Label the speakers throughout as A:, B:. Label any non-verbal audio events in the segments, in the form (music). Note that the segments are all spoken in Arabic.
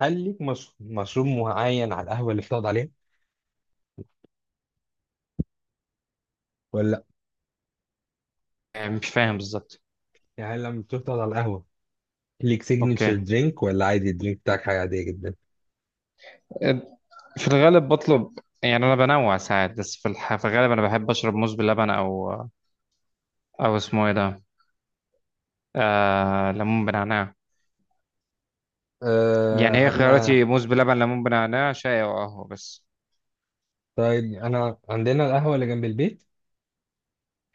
A: هل ليك مش... مشروب معين على القهوة اللي بتقعد عليه ولا لا؟
B: يعني مش فاهم بالظبط.
A: يعني لما بتقعد على القهوة، ليك سيجنتشر
B: اوكي،
A: درينك ولا عادي الدرينك بتاعك حاجة عادية جدا؟
B: في الغالب بطلب، يعني انا بنوع ساعات بس في, في الغالب انا بحب اشرب موز باللبن او او اسمه ايه ده آه... ليمون بنعناع. يعني هي
A: آه
B: خياراتي
A: أنا
B: موز بلبن، ليمون بنعناع، شاي او قهوه بس.
A: طيب، أنا عندنا القهوة اللي جنب البيت،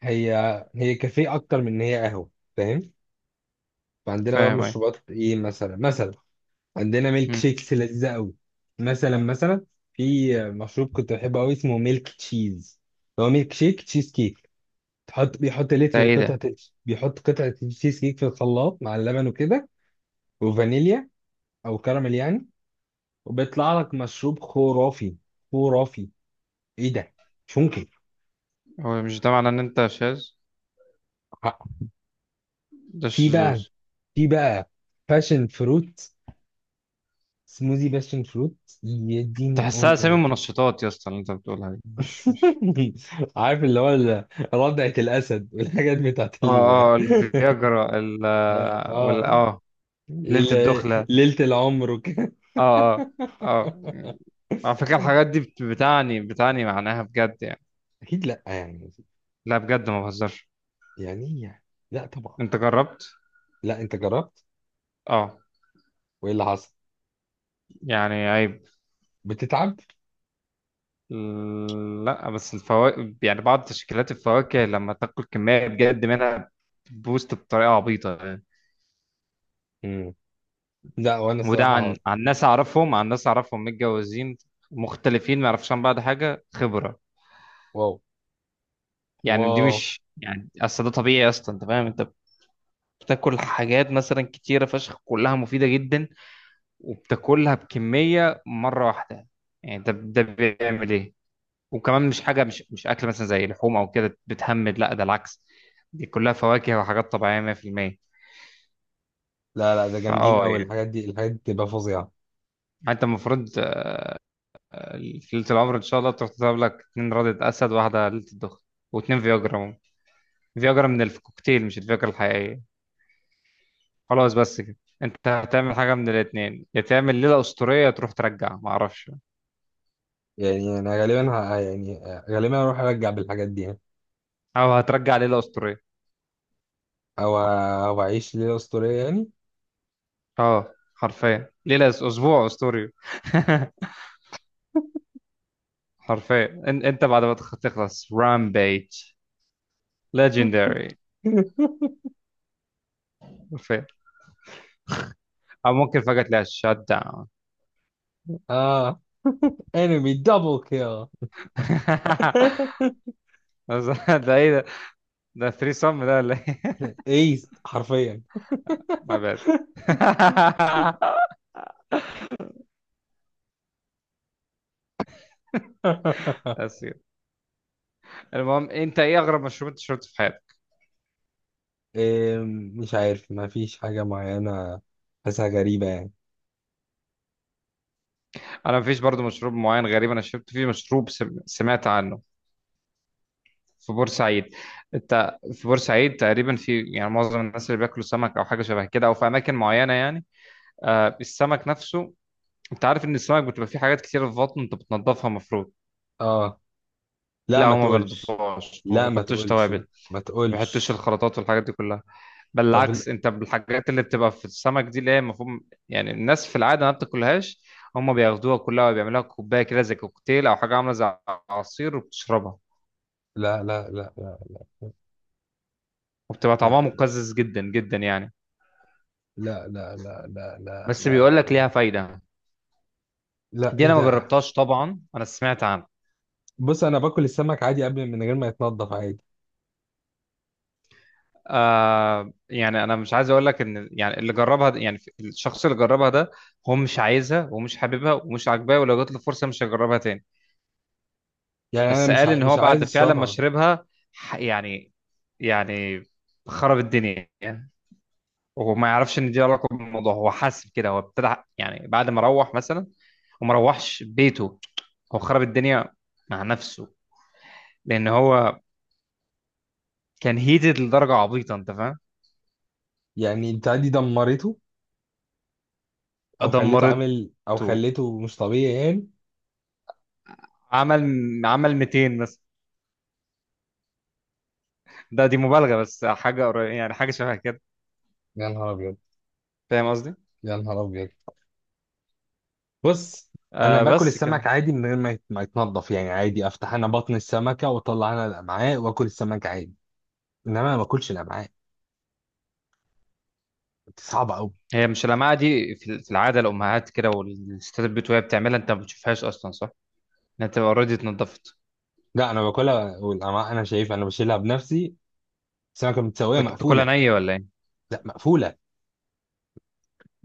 A: هي هي كافيه أكتر من إن هي قهوة. فاهم؟ فعندنا بقى
B: فاهم ايه.
A: مشروبات إيه مثلا؟ مثلا عندنا ميلك
B: مم.
A: شيكس لذيذة أوي. مثلا، في مشروب كنت بحبه أوي اسمه ميلك تشيز، هو ميلك شيك تشيز كيك. بيحط
B: ده
A: لتر
B: ايه ده؟
A: قطعة. بيحط قطعة تشيز كيك في الخلاط مع اللبن وكده، وفانيليا أو كراميل يعني، وبيطلع لك مشروب خرافي، خرافي. إيه ده؟ مش ممكن.
B: هو مش ده معناه ان انت شاذ؟ ده
A: في
B: الشذوذ.
A: بقى في بقى باشن فروت، سموذي باشن فروت. يا دين
B: تحسها اسامي
A: أمي.
B: منشطات يا اسطى اللي انت بتقولها دي، مش.
A: (laughs) عارف اللي هو ردعة الأسد والحاجات بتاعت
B: اه
A: ال...
B: اه الفياجرا ال
A: (laughs)
B: وال
A: آه،
B: اه ليلة الدخلة.
A: ليلة العمر وكده.
B: اه اه اه.
A: (laughs)
B: على فكرة الحاجات دي بتعني معناها بجد يعني.
A: أكيد لأ يعني
B: لا بجد ما بهزرش.
A: يعني ايه يعني؟ لا طبعا.
B: انت جربت؟
A: لا، انت جربت؟
B: اه
A: وايه اللي حصل؟
B: يعني عيب.
A: بتتعب؟
B: لا بس الفواكه، يعني بعض تشكيلات الفواكه لما تاكل كمية بجد منها بوست بطريقة عبيطة يعني.
A: امم لا، وانا
B: وده عن
A: الصراحه.
B: ناس اعرفهم، عن ناس اعرفهم متجوزين مختلفين ما يعرفوش عن بعض حاجة خبرة.
A: واو.
B: يعني دي
A: واو.
B: مش يعني اصل ده طبيعي اصلا انت فاهم؟ انت بتاكل حاجات مثلا كتيرة فشخ كلها مفيدة جدا، وبتاكلها بكميه مره واحده، يعني ده ده بيعمل ايه. وكمان مش حاجه، مش اكل مثلا زي لحوم او كده بتهمد، لا ده العكس. دي كلها فواكه وحاجات طبيعيه 100%.
A: لا لا، ده جامدين
B: فاه
A: قوي
B: يعني
A: الحاجات دي بتبقى فظيعه.
B: انت المفروض في ليله العمر ان شاء الله تروح تضرب لك اتنين رده اسد واحده ليله الدخن واتنين فياجرا. فياجرا من الكوكتيل مش الفياجرا الحقيقيه. خلاص بس كده. انت هتعمل حاجه من الاتنين، يا تعمل ليله اسطوريه تروح ترجع ما اعرفش
A: يعني انا غالبا ه... آه، يعني آه، غالبا اروح ارجع بالحاجات دي يعني.
B: او هترجع ليله اسطوريه.
A: او اعيش ليله اسطوريه يعني.
B: اه حرفيا ليلة اسبوع اسطوري. (laughs) حرفيا انت بعد ما تخلص رامبيج ليجندري.
A: (laughs)
B: حرفيا. او ممكن فجأة تلاقي شات داون.
A: اه. انمي دبل كيل.
B: (laughs) بس ده ايه ده؟ ده 3 سم ده ولا ايه؟
A: (laughs) ايست حرفيا.
B: (laughs) ماي باد. (laughs)
A: (laughs)
B: اسير. المهم انت ايه اغرب مشروب انت شربته في حياتك؟
A: إيه؟ مش عارف، ما فيش حاجة معينة، حاسها غريبة يعني.
B: انا مفيش برضو مشروب معين غريب. انا شربت فيه مشروب سمعت عنه في بورسعيد. انت في بورسعيد تقريبا في يعني معظم الناس اللي بياكلوا سمك او حاجه شبه كده او في اماكن معينه يعني آه السمك نفسه. انت عارف ان السمك بتبقى فيه حاجات كتير في بطنه انت بتنضفها المفروض؟
A: اه. لا،
B: لا
A: ما
B: هو ما
A: تقولش.
B: بينضفوهاش، ما
A: لا، ما
B: بيحطوش
A: تقولش.
B: توابل،
A: ما
B: ما بيحطوش
A: تقولش.
B: الخلطات والحاجات دي كلها. بل
A: طب،
B: العكس انت بالحاجات اللي بتبقى في السمك دي اللي هي المفروض يعني الناس في العاده ما بتاكلهاش، هم بياخدوها كلها وبيعملوها كوبايه كده زي كوكتيل او حاجه عامله زي عصير وبتشربها.
A: لا لا لا لا لا
B: وبتبقى
A: لا
B: طعمها مقزز جدا جدا يعني.
A: لا لا لا لا
B: بس بيقول
A: لا
B: لك ليها
A: لا
B: فايده.
A: لا،
B: دي
A: ايه
B: انا ما
A: ده؟
B: جربتهاش طبعا، انا سمعت عنها.
A: بص، انا باكل السمك عادي قبل من غير ما يتنضف، عادي.
B: آه يعني انا مش عايز اقول لك ان يعني يعني الشخص اللي جربها ده هو مش عايزها ومش حاببها ومش عاجباه ولو جات له فرصه مش هيجربها تاني.
A: يعني انا
B: بس قال ان
A: مش
B: هو
A: عايز
B: بعد فعلا ما
A: اشربها.
B: شربها، يعني يعني خرب الدنيا يعني. وهو ما يعرفش ان دي علاقه بالموضوع، هو حاسس كده. هو ابتدى يعني بعد ما روح مثلا وما روحش بيته، هو خرب الدنيا مع نفسه، لان هو كان هيتد لدرجه عبيطه انت فاهم.
A: يعني البتاع دي دمرته،
B: دمرته.
A: او خليته مش طبيعي يعني.
B: عمل 200 مثلا، ده دي مبالغة بس حاجة قريبة يعني حاجة شبه كده.
A: يا نهار ابيض.
B: فاهم قصدي؟
A: يا نهار ابيض. بص، انا
B: آه
A: باكل
B: بس
A: السمك
B: كده.
A: عادي من غير ما يتنضف يعني عادي. افتح انا بطن السمكه واطلع انا الامعاء واكل السمك عادي. انما انا ما باكلش الامعاء، دي صعبه قوي.
B: هي مش اللمعة دي في في العادة الأمهات كده والستات البيت، وهي بتعملها أنت ما بتشوفهاش أصلا صح؟ إنها بتبقى أوريدي اتنضفت.
A: لا، انا باكلها، والامعاء انا شايفها، انا بشيلها بنفسي. السمكه متسويه،
B: وأنت بتاكلها
A: مقفوله.
B: نية ولا إيه؟
A: لا، مقفوله.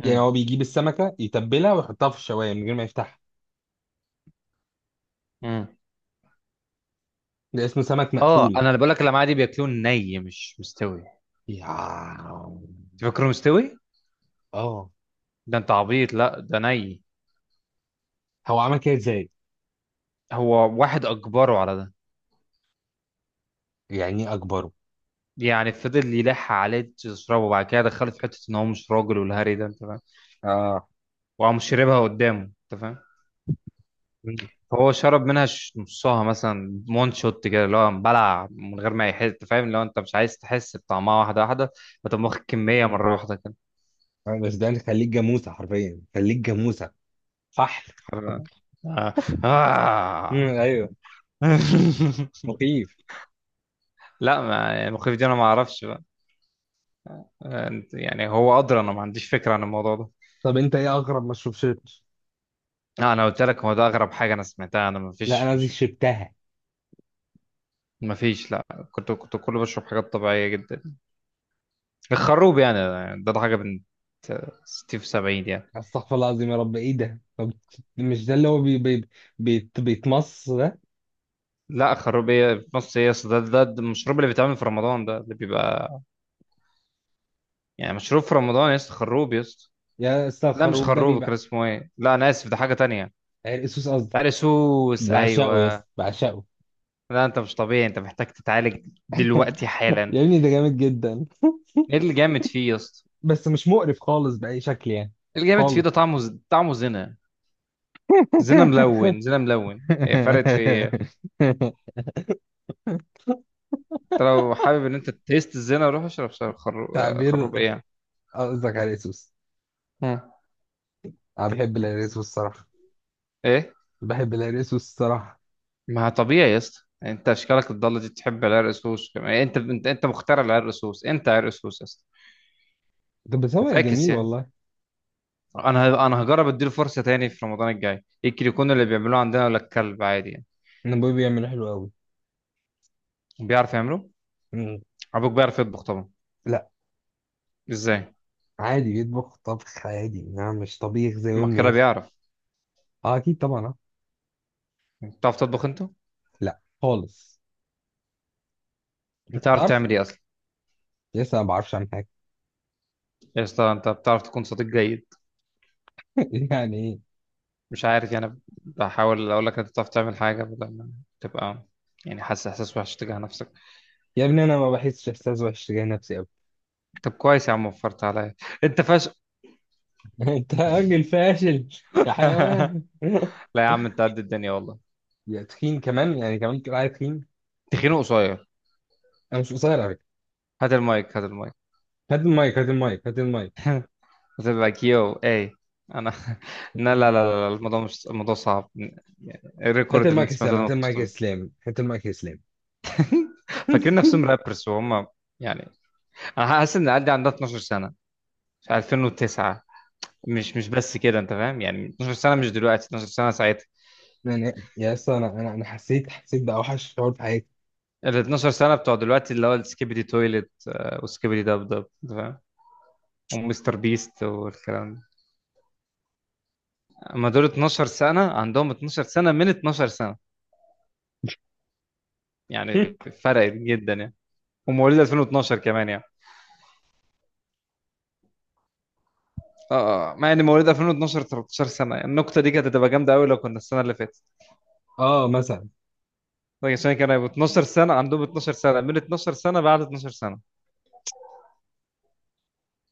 A: يعني
B: امم
A: هو بيجيب السمكه يتبلها ويحطها في الشوايه من غير ما يفتحها.
B: امم
A: ده اسمه سمك
B: أه
A: مقفول.
B: أنا اللي بقول لك اللمعة دي بياكلوه ني مش مستوي.
A: يا
B: تفكره مستوي؟
A: اه
B: ده أنت عبيط، لا ده ني.
A: هو عمل كده ازاي؟
B: هو واحد أجبره على ده.
A: يعني إيه اكبره؟
B: يعني فضل يلح عليه تشربه وبعد كده دخله في حتة إن هو مش راجل والهري ده أنت فاهم؟
A: اه.
B: وقام شربها قدامه أنت فاهم؟
A: مم.
B: هو شرب منها نصها مثلا مون شوت كده اللي هو بلع من غير ما يحس. فاهم؟ لو انت مش عايز تحس بطعمها واحده واحده فتقوم واخد كميه مره واحده كده.
A: بس ده خليك جاموسه، حرفيا خليك جاموسه فحل.
B: حر- آه.
A: مم،
B: آه.
A: ايوه.
B: (laughs)
A: مخيف.
B: لا ما يعني المخيف دي انا ما اعرفش بقى. يعني هو ادرى، انا ما عنديش فكره عن الموضوع ده.
A: طب انت ايه اغرب ما شربتش؟
B: لا انا قلت لك هو ده اغرب حاجه انا سمعتها. انا ما
A: لا
B: فيش
A: انا دي
B: مش
A: شربتها.
B: ما فيش لا. كنت كله بشرب حاجات طبيعيه جدا. الخروب يعني، ده ده حاجه بنت 60 في 70.
A: استغفر الله العظيم، يا رب ايه ده؟ طب مش ده اللي هو بي بي بي بيتمص ده؟
B: لا خروبية في مصر يا اسطى، ده ده المشروب اللي بيتعمل في رمضان ده اللي بيبقى يعني مشروب في رمضان يا اسطى، خروب يا اسطى.
A: يا اسطى،
B: لا مش
A: الخروب ده
B: خروب، كان
A: بيبقى...
B: اسمه ايه؟ لا انا اسف ده حاجة تانية.
A: عرق سوس قصدك؟
B: عرسوس
A: بعشقه يا
B: ايوه.
A: اسطى، بعشقه.
B: لا انت مش طبيعي، انت محتاج تتعالج دلوقتي
A: (laughs)
B: حالا.
A: يا ابني ده جامد جدا،
B: ايه اللي جامد فيه يا اسطى؟
A: بس مش مقرف خالص بأي شكل يعني،
B: إيه اللي جامد فيه؟
A: خالص.
B: ده طعمه طعمه زنا. زنا
A: (laughs)
B: ملون، زنا ملون، إيه فرقت في ايه؟ انت لو حابب ان انت تيست الزنا روح اشرب خروب. خروب
A: تعبير.
B: ايه.
A: قصدك على الريسوس؟
B: مم.
A: انا بحب الريسوس الصراحه،
B: ايه.
A: بحب الريسوس الصراحه.
B: ما طبيعي يا اسطى، يعني انت اشكالك الضاله دي تحب العرق سوس كمان. انت مخترع العرق سوس، انت عرق سوس يا اسطى.
A: طب، بس هو
B: فاكس
A: جميل
B: يعني.
A: والله.
B: انا هجرب اديله فرصه تاني في رمضان الجاي، يمكن يكون اللي بيعملوه عندنا ولا الكلب عادي يعني.
A: انا ابويا بيعمله حلو قوي.
B: بيعرف يعمله.
A: مم.
B: ابوك بيعرف يطبخ طبعا؟
A: لا،
B: ازاي؟
A: عادي بيطبخ طبخ عادي يعني، مش طبيخ زي
B: ما
A: امي
B: كده
A: مثلا.
B: بيعرف.
A: اه اكيد طبعا. آه.
B: بتعرف تطبخ انت؟
A: لا خالص. انت
B: بتعرف
A: تعرف،
B: تعمل ايه اصلا؟
A: لسه ما بعرفش عن حاجه.
B: يا اسطى انت بتعرف تكون صديق جيد؟
A: (laughs) يعني ايه؟
B: مش عارف يعني بحاول اقول لك انت بتعرف تعمل حاجه بدل ما تبقى يعني حاسس احساس وحش تجاه نفسك.
A: يا ابني، انا ما بحسش احساس وحش تجاه نفسي قوي.
B: طب كويس يا عم، وفرت عليا. انت فاشل.
A: (laughs) انت راجل فاشل، يا
B: (laughs)
A: حيوان. (laughs)
B: لا يا عم انت قد الدنيا والله.
A: يا تخين، كمان يعني؟ كمان تقول عليا تخين؟
B: تخينه قصير.
A: انا مش قصير على فكره.
B: هات المايك، هات المايك.
A: هات المايك. هات المايك. هات المايك.
B: هتبقى كيو اي. انا (laughs) لا لا
A: (clears throat)
B: لا لا الموضوع مش الموضوع صعب. يعني
A: هات
B: الريكورد اللي
A: المايك
B: انت
A: يا
B: سمعته
A: اسلام.
B: ده
A: هات
B: ما كنتش
A: المايك يا
B: طبيعي.
A: اسلام. هات المايك يا اسلام.
B: (laughs) فاكرين نفسهم
A: (laughs)
B: رابرز وهم يعني. انا حاسس ان عندها 12 سنه في 2009. مش مش بس كده انت فاهم، يعني 12 سنه مش دلوقتي، 12 سنه ساعتها.
A: يعني يا اسطى، انا انا أنا حسيت باوحش شعور في حياتي.
B: ال 12 سنه بتوع دلوقتي اللي هو السكيبيدي تويلت آه، وسكيبيدي دب دب انت فاهم، ومستر بيست والكلام ده. اما دول 12 سنه عندهم 12 سنه من 12 سنه يعني.
A: (laughs)
B: فرقت جدا يعني. ومواليد 2012 كمان يعني. اه آه. مع ان مواليد 2012 13 سنه، يعني النقطه دي كانت هتبقى جامده قوي لو كنا السنه اللي فاتت،
A: اه، مثلا.
B: لكن عشان كانوا هيبقوا 12 سنه عندهم 12 سنه من 12 سنه بعد 12 سنه.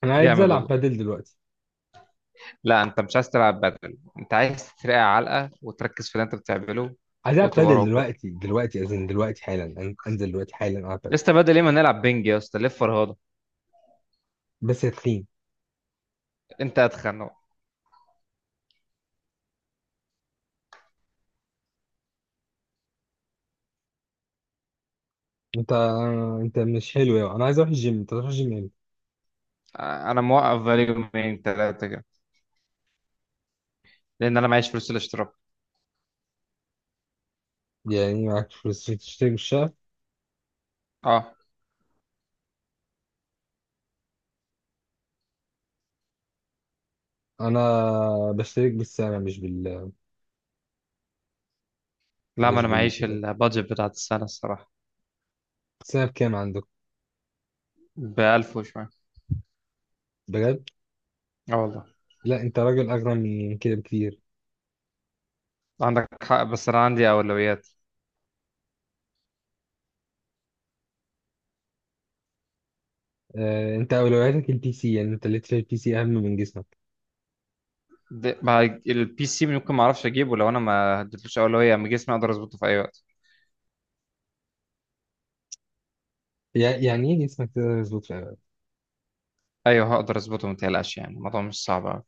A: انا عايز
B: جامد
A: العب
B: والله.
A: بادل دلوقتي.
B: لا انت مش عايز تلعب بدل، انت عايز ترقع علقه وتركز في اللي انت بتعمله
A: عايز العب
B: وتبقى
A: بادل
B: راجل.
A: دلوقتي دلوقتي، أزن دلوقتي حالا، انزل دلوقتي حالا العب
B: يا
A: بادل.
B: اسطى بدل ايه، ما نلعب بينج يا اسطى ليه الفرهده.
A: بس يا تخين،
B: انت اتخن اهو.
A: انت انت مش حلو يعني، انا عايز اروح الجيم. انت تروح الجيم امتى؟
B: آه، انا موقف بقالي يومين ثلاثه كده لان انا معيش فلوس الاشتراك.
A: يعني معاك فلوس عشان تشترك بالشهر؟
B: اه.
A: انا بشترك بالسنه،
B: لا ما
A: مش
B: انا معيش
A: بالسنه.
B: البادجت بتاعت السنه الصراحه.
A: السنه بكام عندك؟
B: بألف وشوية.
A: بجد؟
B: اه والله.
A: لا انت راجل اغنى من كده بكتير.
B: عندك حق بس انا عندي اولويات.
A: آه، انت اولوياتك البي سي يعني، انت ليتر البي سي اهم من جسمك.
B: مع البي سي ممكن ما اعرفش اجيبه لو انا ما اديتلوش اولويه، اما جسمي اقدر اظبطه في اي وقت.
A: يعني ايه جسمك تقدر يظبط في
B: ايوه هقدر اظبطه ما تقلقش، يعني الموضوع مش صعب.